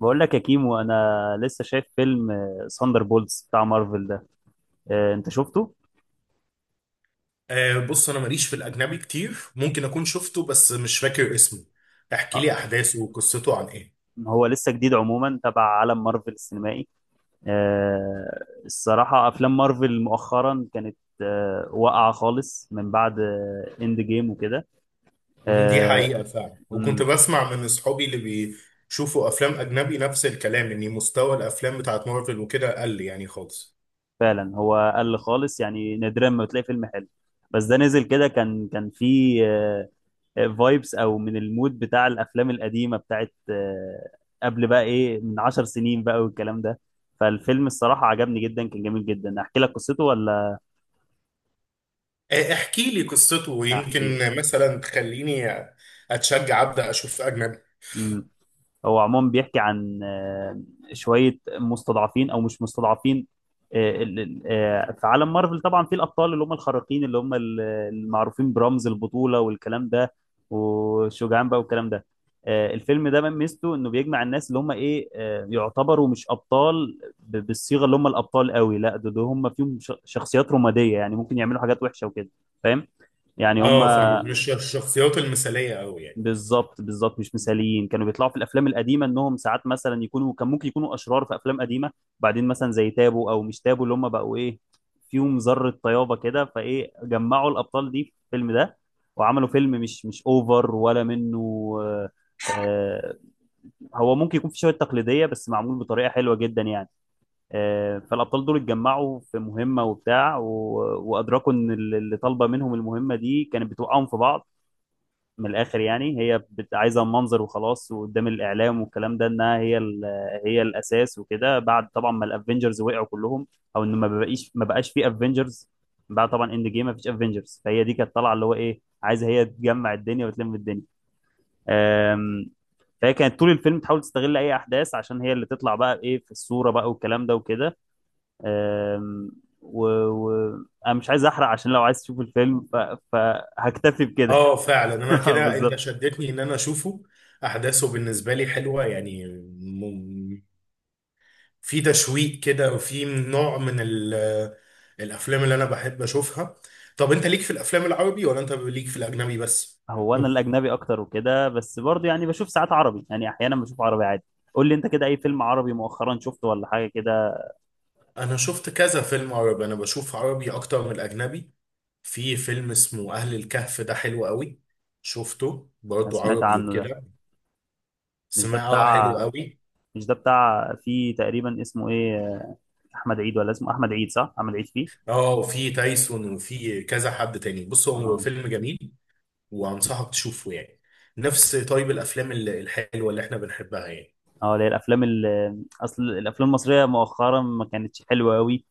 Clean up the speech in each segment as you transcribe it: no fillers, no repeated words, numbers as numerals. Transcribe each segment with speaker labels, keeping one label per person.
Speaker 1: بقول لك يا كيمو انا لسه شايف فيلم ساندر بولز بتاع مارفل ده. انت شفته؟
Speaker 2: آه بص انا ماليش في الاجنبي كتير، ممكن اكون شفته بس مش فاكر اسمه. احكي لي
Speaker 1: آه،
Speaker 2: احداثه وقصته عن ايه؟
Speaker 1: هو لسه جديد عموما تبع عالم مارفل السينمائي. الصراحة افلام مارفل مؤخرا كانت واقعة خالص من بعد اند جيم وكده.
Speaker 2: دي
Speaker 1: آه،
Speaker 2: حقيقة فعلا، وكنت
Speaker 1: مم،
Speaker 2: بسمع من اصحابي اللي بيشوفوا افلام اجنبي نفس الكلام، ان مستوى الافلام بتاعت مارفل وكده قل يعني خالص.
Speaker 1: فعلا هو قل خالص، يعني نادرا ما بتلاقي فيلم حلو. بس ده نزل كده، كان فيه فايبس او من المود بتاع الافلام القديمه بتاعت، قبل بقى ايه، من 10 سنين بقى والكلام ده. فالفيلم الصراحه عجبني جدا، كان جميل جدا. احكي لك قصته ولا؟
Speaker 2: آه احكي لي قصته،
Speaker 1: احكي
Speaker 2: ويمكن مثلا تخليني اتشجع ابدا اشوف اجنبي.
Speaker 1: لك. هو عموما بيحكي عن شوية مستضعفين أو مش مستضعفين. في عالم مارفل طبعا في الأبطال اللي هم الخارقين اللي هم المعروفين برمز البطولة والكلام ده والشجعان بقى والكلام ده. الفيلم ده من ميزته إنه بيجمع الناس اللي هم إيه، يعتبروا مش أبطال بالصيغة اللي هم الأبطال قوي، لا ده هم فيهم شخصيات رمادية، يعني ممكن يعملوا حاجات وحشة وكده. فاهم، يعني هم
Speaker 2: اه فاهمك، مش الشخصيات المثالية قوي يعني.
Speaker 1: بالظبط بالظبط. مش مثاليين، كانوا بيطلعوا في الافلام القديمه انهم ساعات مثلا يكونوا، كان ممكن يكونوا اشرار في افلام قديمه. بعدين مثلا زي تابو او مش تابو اللي هم بقوا ايه، فيهم ذره طيابه كده، فايه جمعوا الابطال دي في الفيلم ده وعملوا فيلم مش اوفر ولا منه. آه. آه، هو ممكن يكون في شويه تقليديه بس معمول بطريقه حلوه جدا يعني. آه، فالابطال دول اتجمعوا في مهمه وبتاع وادركوا ان اللي طالبه منهم المهمه دي كانت بتوقعهم في بعض. من الاخر يعني، هي عايزه منظر وخلاص، وقدام الاعلام والكلام ده انها هي هي الاساس وكده، بعد طبعا ما الافنجرز وقعوا كلهم، او ان ما بقاش في افنجرز. بعد طبعا اند جيم ما فيش افنجرز، فهي دي كانت طالعه اللي هو ايه، عايزه هي تجمع الدنيا وتلم الدنيا. أم، فهي كانت طول الفيلم تحاول تستغل اي احداث عشان هي اللي تطلع بقى ايه في الصوره بقى والكلام ده وكده. أم، و... و... انا مش عايز احرق، عشان لو عايز تشوف الفيلم فهكتفي بكده.
Speaker 2: اه فعلا، انا كده انت
Speaker 1: بالظبط.
Speaker 2: شدتني ان انا اشوفه. احداثه بالنسبه لي حلوه يعني، في تشويق كده، وفي نوع من الافلام اللي انا بحب اشوفها. طب انت ليك في الافلام العربي، ولا انت ليك في الاجنبي بس؟
Speaker 1: هو انا
Speaker 2: هم.
Speaker 1: الاجنبي اكتر وكده، بس برضه يعني بشوف ساعات عربي، يعني احيانا بشوف عربي عادي. قول لي انت كده اي فيلم عربي مؤخرا شفته ولا حاجه كده؟
Speaker 2: انا شفت كذا فيلم عربي، انا بشوف عربي اكتر من الاجنبي. في فيلم اسمه اهل الكهف، ده حلو قوي. شفته
Speaker 1: انا
Speaker 2: برضه،
Speaker 1: سمعت
Speaker 2: عربي
Speaker 1: عنه ده.
Speaker 2: وكده.
Speaker 1: مش ده
Speaker 2: سمعه حلو
Speaker 1: بتاع
Speaker 2: قوي.
Speaker 1: مش ده بتاع فيه تقريبا اسمه ايه، احمد عيد؟ ولا اسمه احمد عيد، صح، احمد عيد فيه.
Speaker 2: اه، وفي تايسون وفي كذا حد تاني. بص هو
Speaker 1: اه.
Speaker 2: فيلم جميل، وانصحك تشوفه يعني. نفس طيب الافلام الحلوه اللي احنا بنحبها يعني.
Speaker 1: اه، اللي هي الافلام اصل الافلام المصريه مؤخرا ما كانتش حلوه قوي.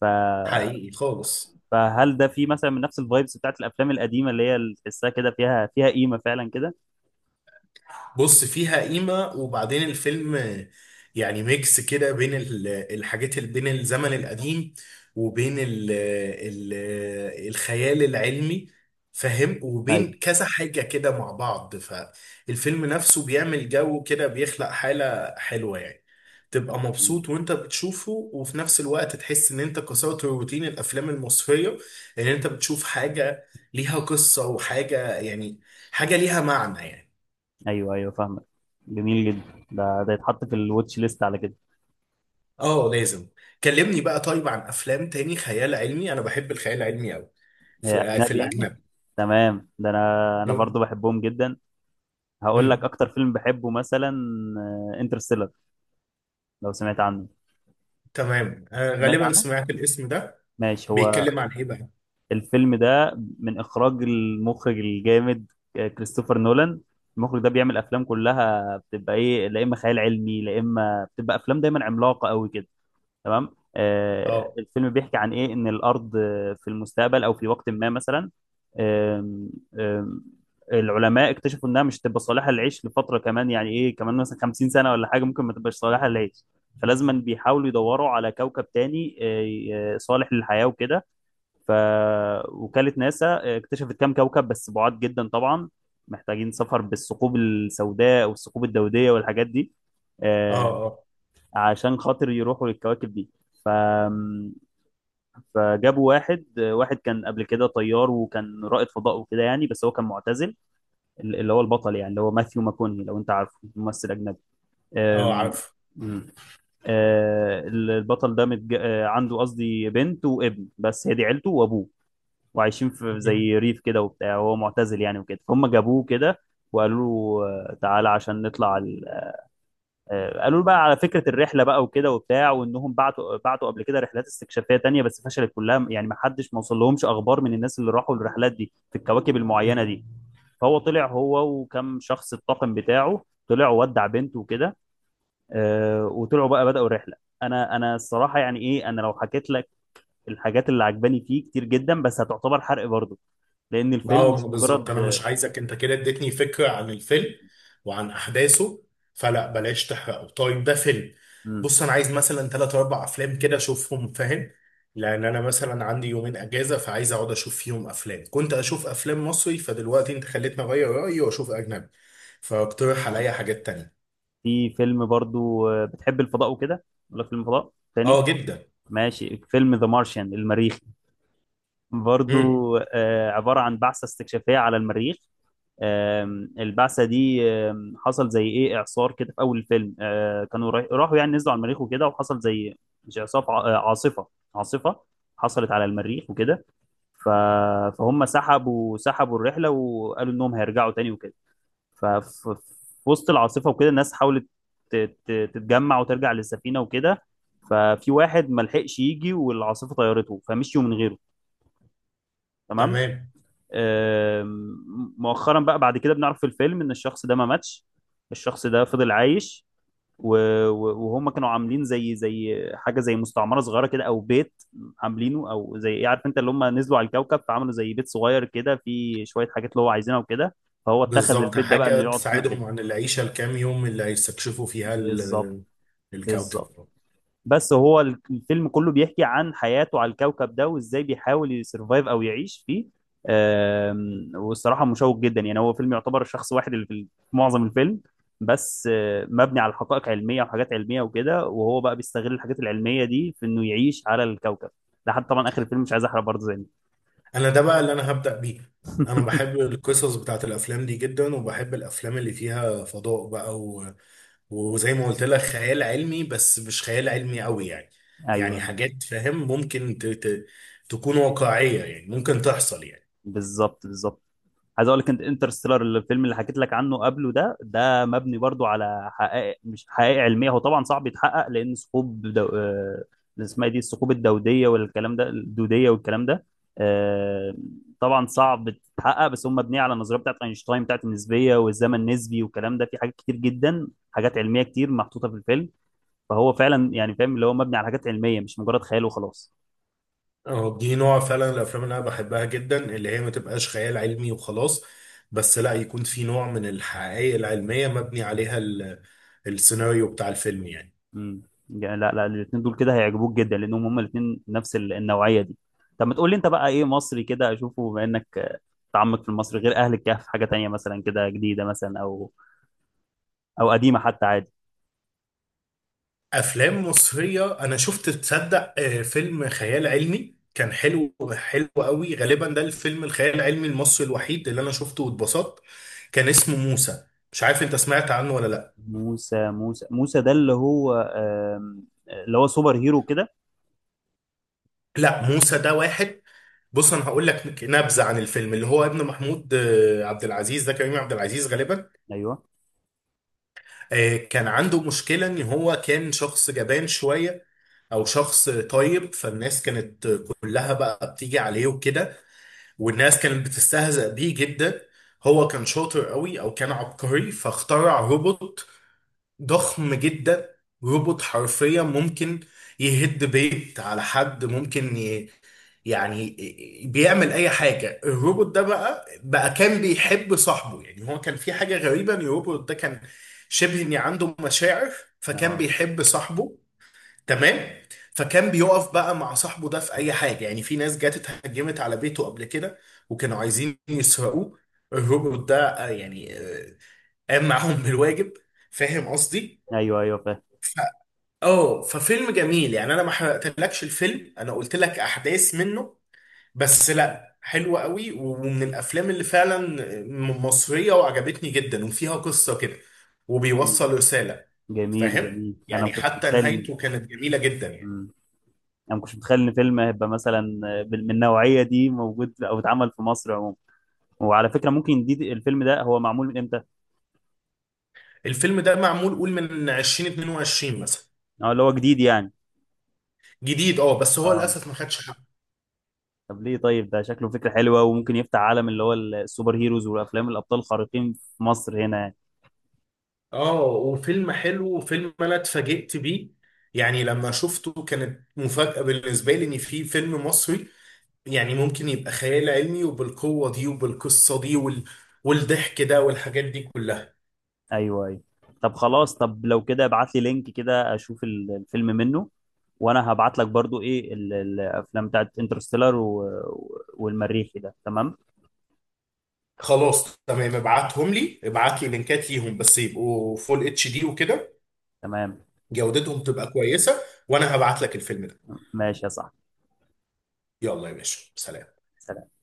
Speaker 1: ف...
Speaker 2: حقيقي خالص.
Speaker 1: فهل ده فيه مثلا من نفس الفايبس بتاعت الافلام القديمه، اللي هي اللي تحسها كده فيها، فيها قيمه فعلا كده؟
Speaker 2: بص فيها قيمة، وبعدين الفيلم يعني ميكس كده بين الحاجات اللي بين الزمن القديم، وبين ال الخيال العلمي، فاهم، وبين
Speaker 1: ايوه.
Speaker 2: كذا حاجة كده مع بعض. فالفيلم نفسه بيعمل جو كده، بيخلق حالة حلوة يعني. تبقى مبسوط وانت بتشوفه، وفي نفس الوقت تحس ان انت كسرت روتين الافلام المصرية، ان انت بتشوف حاجة ليها قصة وحاجة يعني، حاجة ليها معنى يعني.
Speaker 1: ايوه ايوه فاهمك. جميل جدا، ده يتحط في الواتش ليست على كده.
Speaker 2: اه لازم. كلمني بقى طيب عن افلام تاني خيال علمي، انا بحب الخيال العلمي قوي،
Speaker 1: هي
Speaker 2: في
Speaker 1: اجنبي يعني؟
Speaker 2: الاجنبي.
Speaker 1: تمام، ده انا برضو بحبهم جدا. هقول لك
Speaker 2: امم،
Speaker 1: اكتر فيلم بحبه مثلا، انترستيلر. لو سمعت عنه.
Speaker 2: تمام آه
Speaker 1: سمعت
Speaker 2: غالبا
Speaker 1: عنه؟
Speaker 2: سمعت الاسم ده.
Speaker 1: ماشي. هو
Speaker 2: بيتكلم عن ايه بقى؟
Speaker 1: الفيلم ده من اخراج المخرج الجامد كريستوفر نولان. المخرج ده بيعمل افلام كلها بتبقى ايه، لا اما خيال علمي لا اما بتبقى افلام دايما عملاقه قوي كده. تمام.
Speaker 2: اه،
Speaker 1: الفيلم بيحكي عن ايه، ان الارض في المستقبل او في وقت ما مثلا، آم، آم، العلماء اكتشفوا انها مش هتبقى صالحه للعيش لفتره، كمان يعني ايه كمان مثلا 50 سنه ولا حاجه ممكن ما تبقاش صالحه للعيش. فلازما بيحاولوا يدوروا على كوكب تاني صالح للحياه وكده. فوكاله ناسا اكتشفت كام كوكب، بس بعاد جدا طبعا، محتاجين سفر بالثقوب السوداء والثقوب الدوديه والحاجات دي.
Speaker 2: اه،
Speaker 1: آه،
Speaker 2: اه.
Speaker 1: عشان خاطر يروحوا للكواكب دي. ف... فجابوا واحد واحد كان قبل كده طيار وكان رائد فضاء وكده يعني، بس هو كان معتزل. اللي هو البطل يعني، اللي هو ماثيو ماكوني، لو انت عارفه، ممثل اجنبي.
Speaker 2: اه
Speaker 1: أم...
Speaker 2: عارف.
Speaker 1: أم. آه، البطل ده متج... آه، عنده قصدي بنت وابن، بس هي دي عيلته وابوه. وعايشين في زي ريف كده وبتاع، وهو معتزل يعني وكده، فهم جابوه كده وقالوا له تعالى عشان نطلع. قالوا له بقى على فكره الرحله بقى وكده وبتاع، وانهم بعتوا قبل كده رحلات استكشافيه تانية بس فشلت كلها، يعني ما حدش ما وصل لهمش اخبار من الناس اللي راحوا الرحلات دي في الكواكب المعينه دي. فهو طلع هو وكم شخص الطاقم بتاعه طلعوا، ودع بنته وكده. وطلعوا بقى بداوا الرحله. انا الصراحه يعني ايه، انا لو حكيت لك الحاجات اللي عجباني فيه كتير جدا، بس هتعتبر حرق برضه لان الفيلم
Speaker 2: اه
Speaker 1: مش
Speaker 2: بالظبط،
Speaker 1: مجرد.
Speaker 2: انا مش عايزك، انت كده اديتني فكره عن الفيلم وعن احداثه، فلا بلاش تحرقه. طيب ده فيلم،
Speaker 1: مم.
Speaker 2: بص انا عايز مثلا ثلاث اربع افلام كده اشوفهم، فاهم، لان انا مثلا عندي يومين اجازه، فعايز اقعد اشوف فيهم افلام. كنت اشوف افلام مصري، فدلوقتي انت خليتني اغير رايي واشوف اجنبي، فاقترح
Speaker 1: يعني
Speaker 2: عليا حاجات تانية.
Speaker 1: في فيلم برضه بتحب الفضاء وكده ولا فيلم فضاء
Speaker 2: اه
Speaker 1: تاني؟
Speaker 2: جدا.
Speaker 1: ماشي. فيلم ذا مارشيان، المريخي.
Speaker 2: امم.
Speaker 1: برضو عبارة عن بعثة استكشافية على المريخ. البعثة دي حصل زي ايه، اعصار كده في اول الفيلم. كانوا راحوا يعني نزلوا على المريخ وكده وحصل زي، مش اعصار، عاصفة، عاصفة حصلت على المريخ وكده. ف- فهم سحبوا الرحلة وقالوا انهم هيرجعوا تاني وكده. ففي وسط العاصفة وكده الناس حاولت تتجمع وترجع للسفينة وكده. ففي واحد ما لحقش يجي، والعاصفة طيرته، فمشيوا من غيره. تمام.
Speaker 2: تمام
Speaker 1: مؤخرا بقى بعد كده بنعرف في الفيلم ان الشخص ده ما ماتش، الشخص ده فضل عايش. وهم كانوا عاملين زي زي حاجة، زي مستعمرة صغيرة كده او بيت عاملينه، او زي ايه، عارف انت اللي هم نزلوا على الكوكب فعملوا زي بيت صغير كده فيه شوية حاجات اللي هو عايزينها وكده. فهو اتخذ
Speaker 2: بالظبط،
Speaker 1: البيت ده بقى
Speaker 2: حاجه
Speaker 1: انه يقعد فيه وكده.
Speaker 2: تساعدهم عن العيشه الكام يوم اللي هيستكشفوا فيها
Speaker 1: بالظبط
Speaker 2: الكوكب.
Speaker 1: بالظبط. بس هو الفيلم كله بيحكي عن حياته على الكوكب ده وازاي بيحاول يسرفايف او يعيش فيه. والصراحه مشوق جدا، يعني هو فيلم يعتبر شخص واحد اللي في في معظم الفيلم. بس مبني على حقائق علميه وحاجات علميه وكده، وهو بقى بيستغل الحاجات العلميه دي في انه يعيش على الكوكب. لحد طبعا اخر الفيلم، مش عايز احرق برضه زي ما.
Speaker 2: انا ده بقى اللي انا هبدأ بيه. انا بحب القصص بتاعت الافلام دي جدا، وبحب الافلام اللي فيها فضاء بقى، وزي ما قلت لك خيال علمي، بس مش خيال علمي قوي يعني. يعني
Speaker 1: ايوه.
Speaker 2: حاجات فاهم، ممكن تكون واقعية يعني، ممكن تحصل يعني.
Speaker 1: بالظبط بالظبط. عايز اقول لك انت انترستيلر، الفيلم اللي حكيت لك عنه قبله ده، ده مبني برضو على حقائق، مش حقائق علميه هو طبعا صعب يتحقق، لان ثقوب دو... آه، اللي اسمها إيه دي، الثقوب الدوديه والكلام ده، الدوديه والكلام ده. آه، طبعا صعب تتحقق، بس هم مبنيه على النظريه بتاعت اينشتاين بتاعت النسبيه والزمن النسبي والكلام ده. في حاجات كتير جدا، حاجات علميه كتير محطوطه في الفيلم، فهو فعلا يعني فاهم اللي هو مبني على حاجات علميه مش مجرد خيال وخلاص.
Speaker 2: اه دي نوع فعلا الافلام اللي انا بحبها جدا، اللي هي ما تبقاش خيال علمي وخلاص، بس لا يكون في نوع من الحقائق العلمية مبني عليها السيناريو بتاع الفيلم يعني.
Speaker 1: امم. يعني لا لا الاثنين دول كده هيعجبوك جدا، لانهم هما الاثنين نفس النوعيه دي. طب ما تقول لي انت بقى ايه مصري كده اشوفه، بما انك متعمق في المصري، غير اهل الكهف حاجه تانية مثلا كده جديده مثلا او او قديمه حتى عادي.
Speaker 2: افلام مصريه انا شفت، تصدق فيلم خيال علمي كان حلو، حلو قوي، غالبا ده الفيلم الخيال العلمي المصري الوحيد اللي انا شفته واتبسطت. كان اسمه موسى، مش عارف انت سمعت عنه ولا لا.
Speaker 1: موسى، موسى موسى ده اللي هو اللي هو سوبر هيرو كده؟
Speaker 2: لا موسى ده واحد، بص انا هقول لك نبذه عن الفيلم. اللي هو ابن محمود عبد العزيز، ده كريم عبد العزيز غالبا.
Speaker 1: ايوه.
Speaker 2: كان عنده مشكله ان هو كان شخص جبان شويه، او شخص طيب، فالناس كانت كلها بقى بتيجي عليه وكده، والناس كانت بتستهزأ بيه جدا. هو كان شاطر قوي، او كان عبقري، فاخترع روبوت ضخم جدا. روبوت حرفيا ممكن يهد بيت على حد، ممكن يعني بيعمل اي حاجه. الروبوت ده بقى، كان بيحب صاحبه يعني. هو كان في حاجه غريبه، ان الروبوت ده كان شبه ان عنده مشاعر، فكان
Speaker 1: اه.
Speaker 2: بيحب صاحبه. تمام. فكان بيقف بقى مع صاحبه ده في اي حاجه يعني. في ناس جت اتهجمت على بيته قبل كده، وكانوا عايزين يسرقوه، الروبوت ده آه، يعني آه، قام معاهم بالواجب. فاهم قصدي.
Speaker 1: ايوه ايوه فاهم.
Speaker 2: ف... اه ففيلم جميل يعني. انا ما حرقتلكش الفيلم، انا قلت لك احداث منه بس، لا حلوه قوي، ومن الافلام اللي فعلا مصريه وعجبتني جدا، وفيها قصه كده
Speaker 1: جميل
Speaker 2: وبيوصل رساله.
Speaker 1: جميل
Speaker 2: فاهم
Speaker 1: جميل. انا ما
Speaker 2: يعني
Speaker 1: كنتش
Speaker 2: حتى
Speaker 1: متخيل.
Speaker 2: نهايته كانت جميله جدا يعني.
Speaker 1: مم. انا ما كنتش متخيل ان فيلم هيبقى مثلا من النوعيه دي موجود او اتعمل في مصر عموما. وعلى فكرة ممكن دي، الفيلم ده هو معمول من امتى؟
Speaker 2: الفيلم ده معمول، قول من 2022 مثلا.
Speaker 1: اه، اللي هو جديد يعني.
Speaker 2: جديد اه، بس هو
Speaker 1: اه.
Speaker 2: للاسف ما خدش حقه.
Speaker 1: طب ليه، طيب ده شكله فكرة حلوة وممكن يفتح عالم اللي هو السوبر هيروز والافلام الابطال الخارقين في مصر هنا يعني.
Speaker 2: اه وفيلم حلو، وفيلم انا اتفاجئت بيه يعني لما شفته، كانت مفاجأة بالنسبة لي ان في فيلم مصري يعني ممكن يبقى خيال علمي، وبالقوة دي وبالقصة دي والضحك ده والحاجات دي كلها.
Speaker 1: ايوه ايوه. طب خلاص، طب لو كده ابعت لي لينك كده اشوف الفيلم منه، وانا هبعت لك برضو ايه الافلام بتاعت انترستيلر والمريخي ده. تمام
Speaker 2: خلاص تمام، ابعتهم لي، ابعت لي لينكات ليهم بس يبقوا فول HD وكده،
Speaker 1: تمام.
Speaker 2: جودتهم تبقى كويسة. وانا هبعت لك الفيلم ده.
Speaker 1: ماشي يا صاحبي،
Speaker 2: يلا يا باشا، سلام.
Speaker 1: سلام.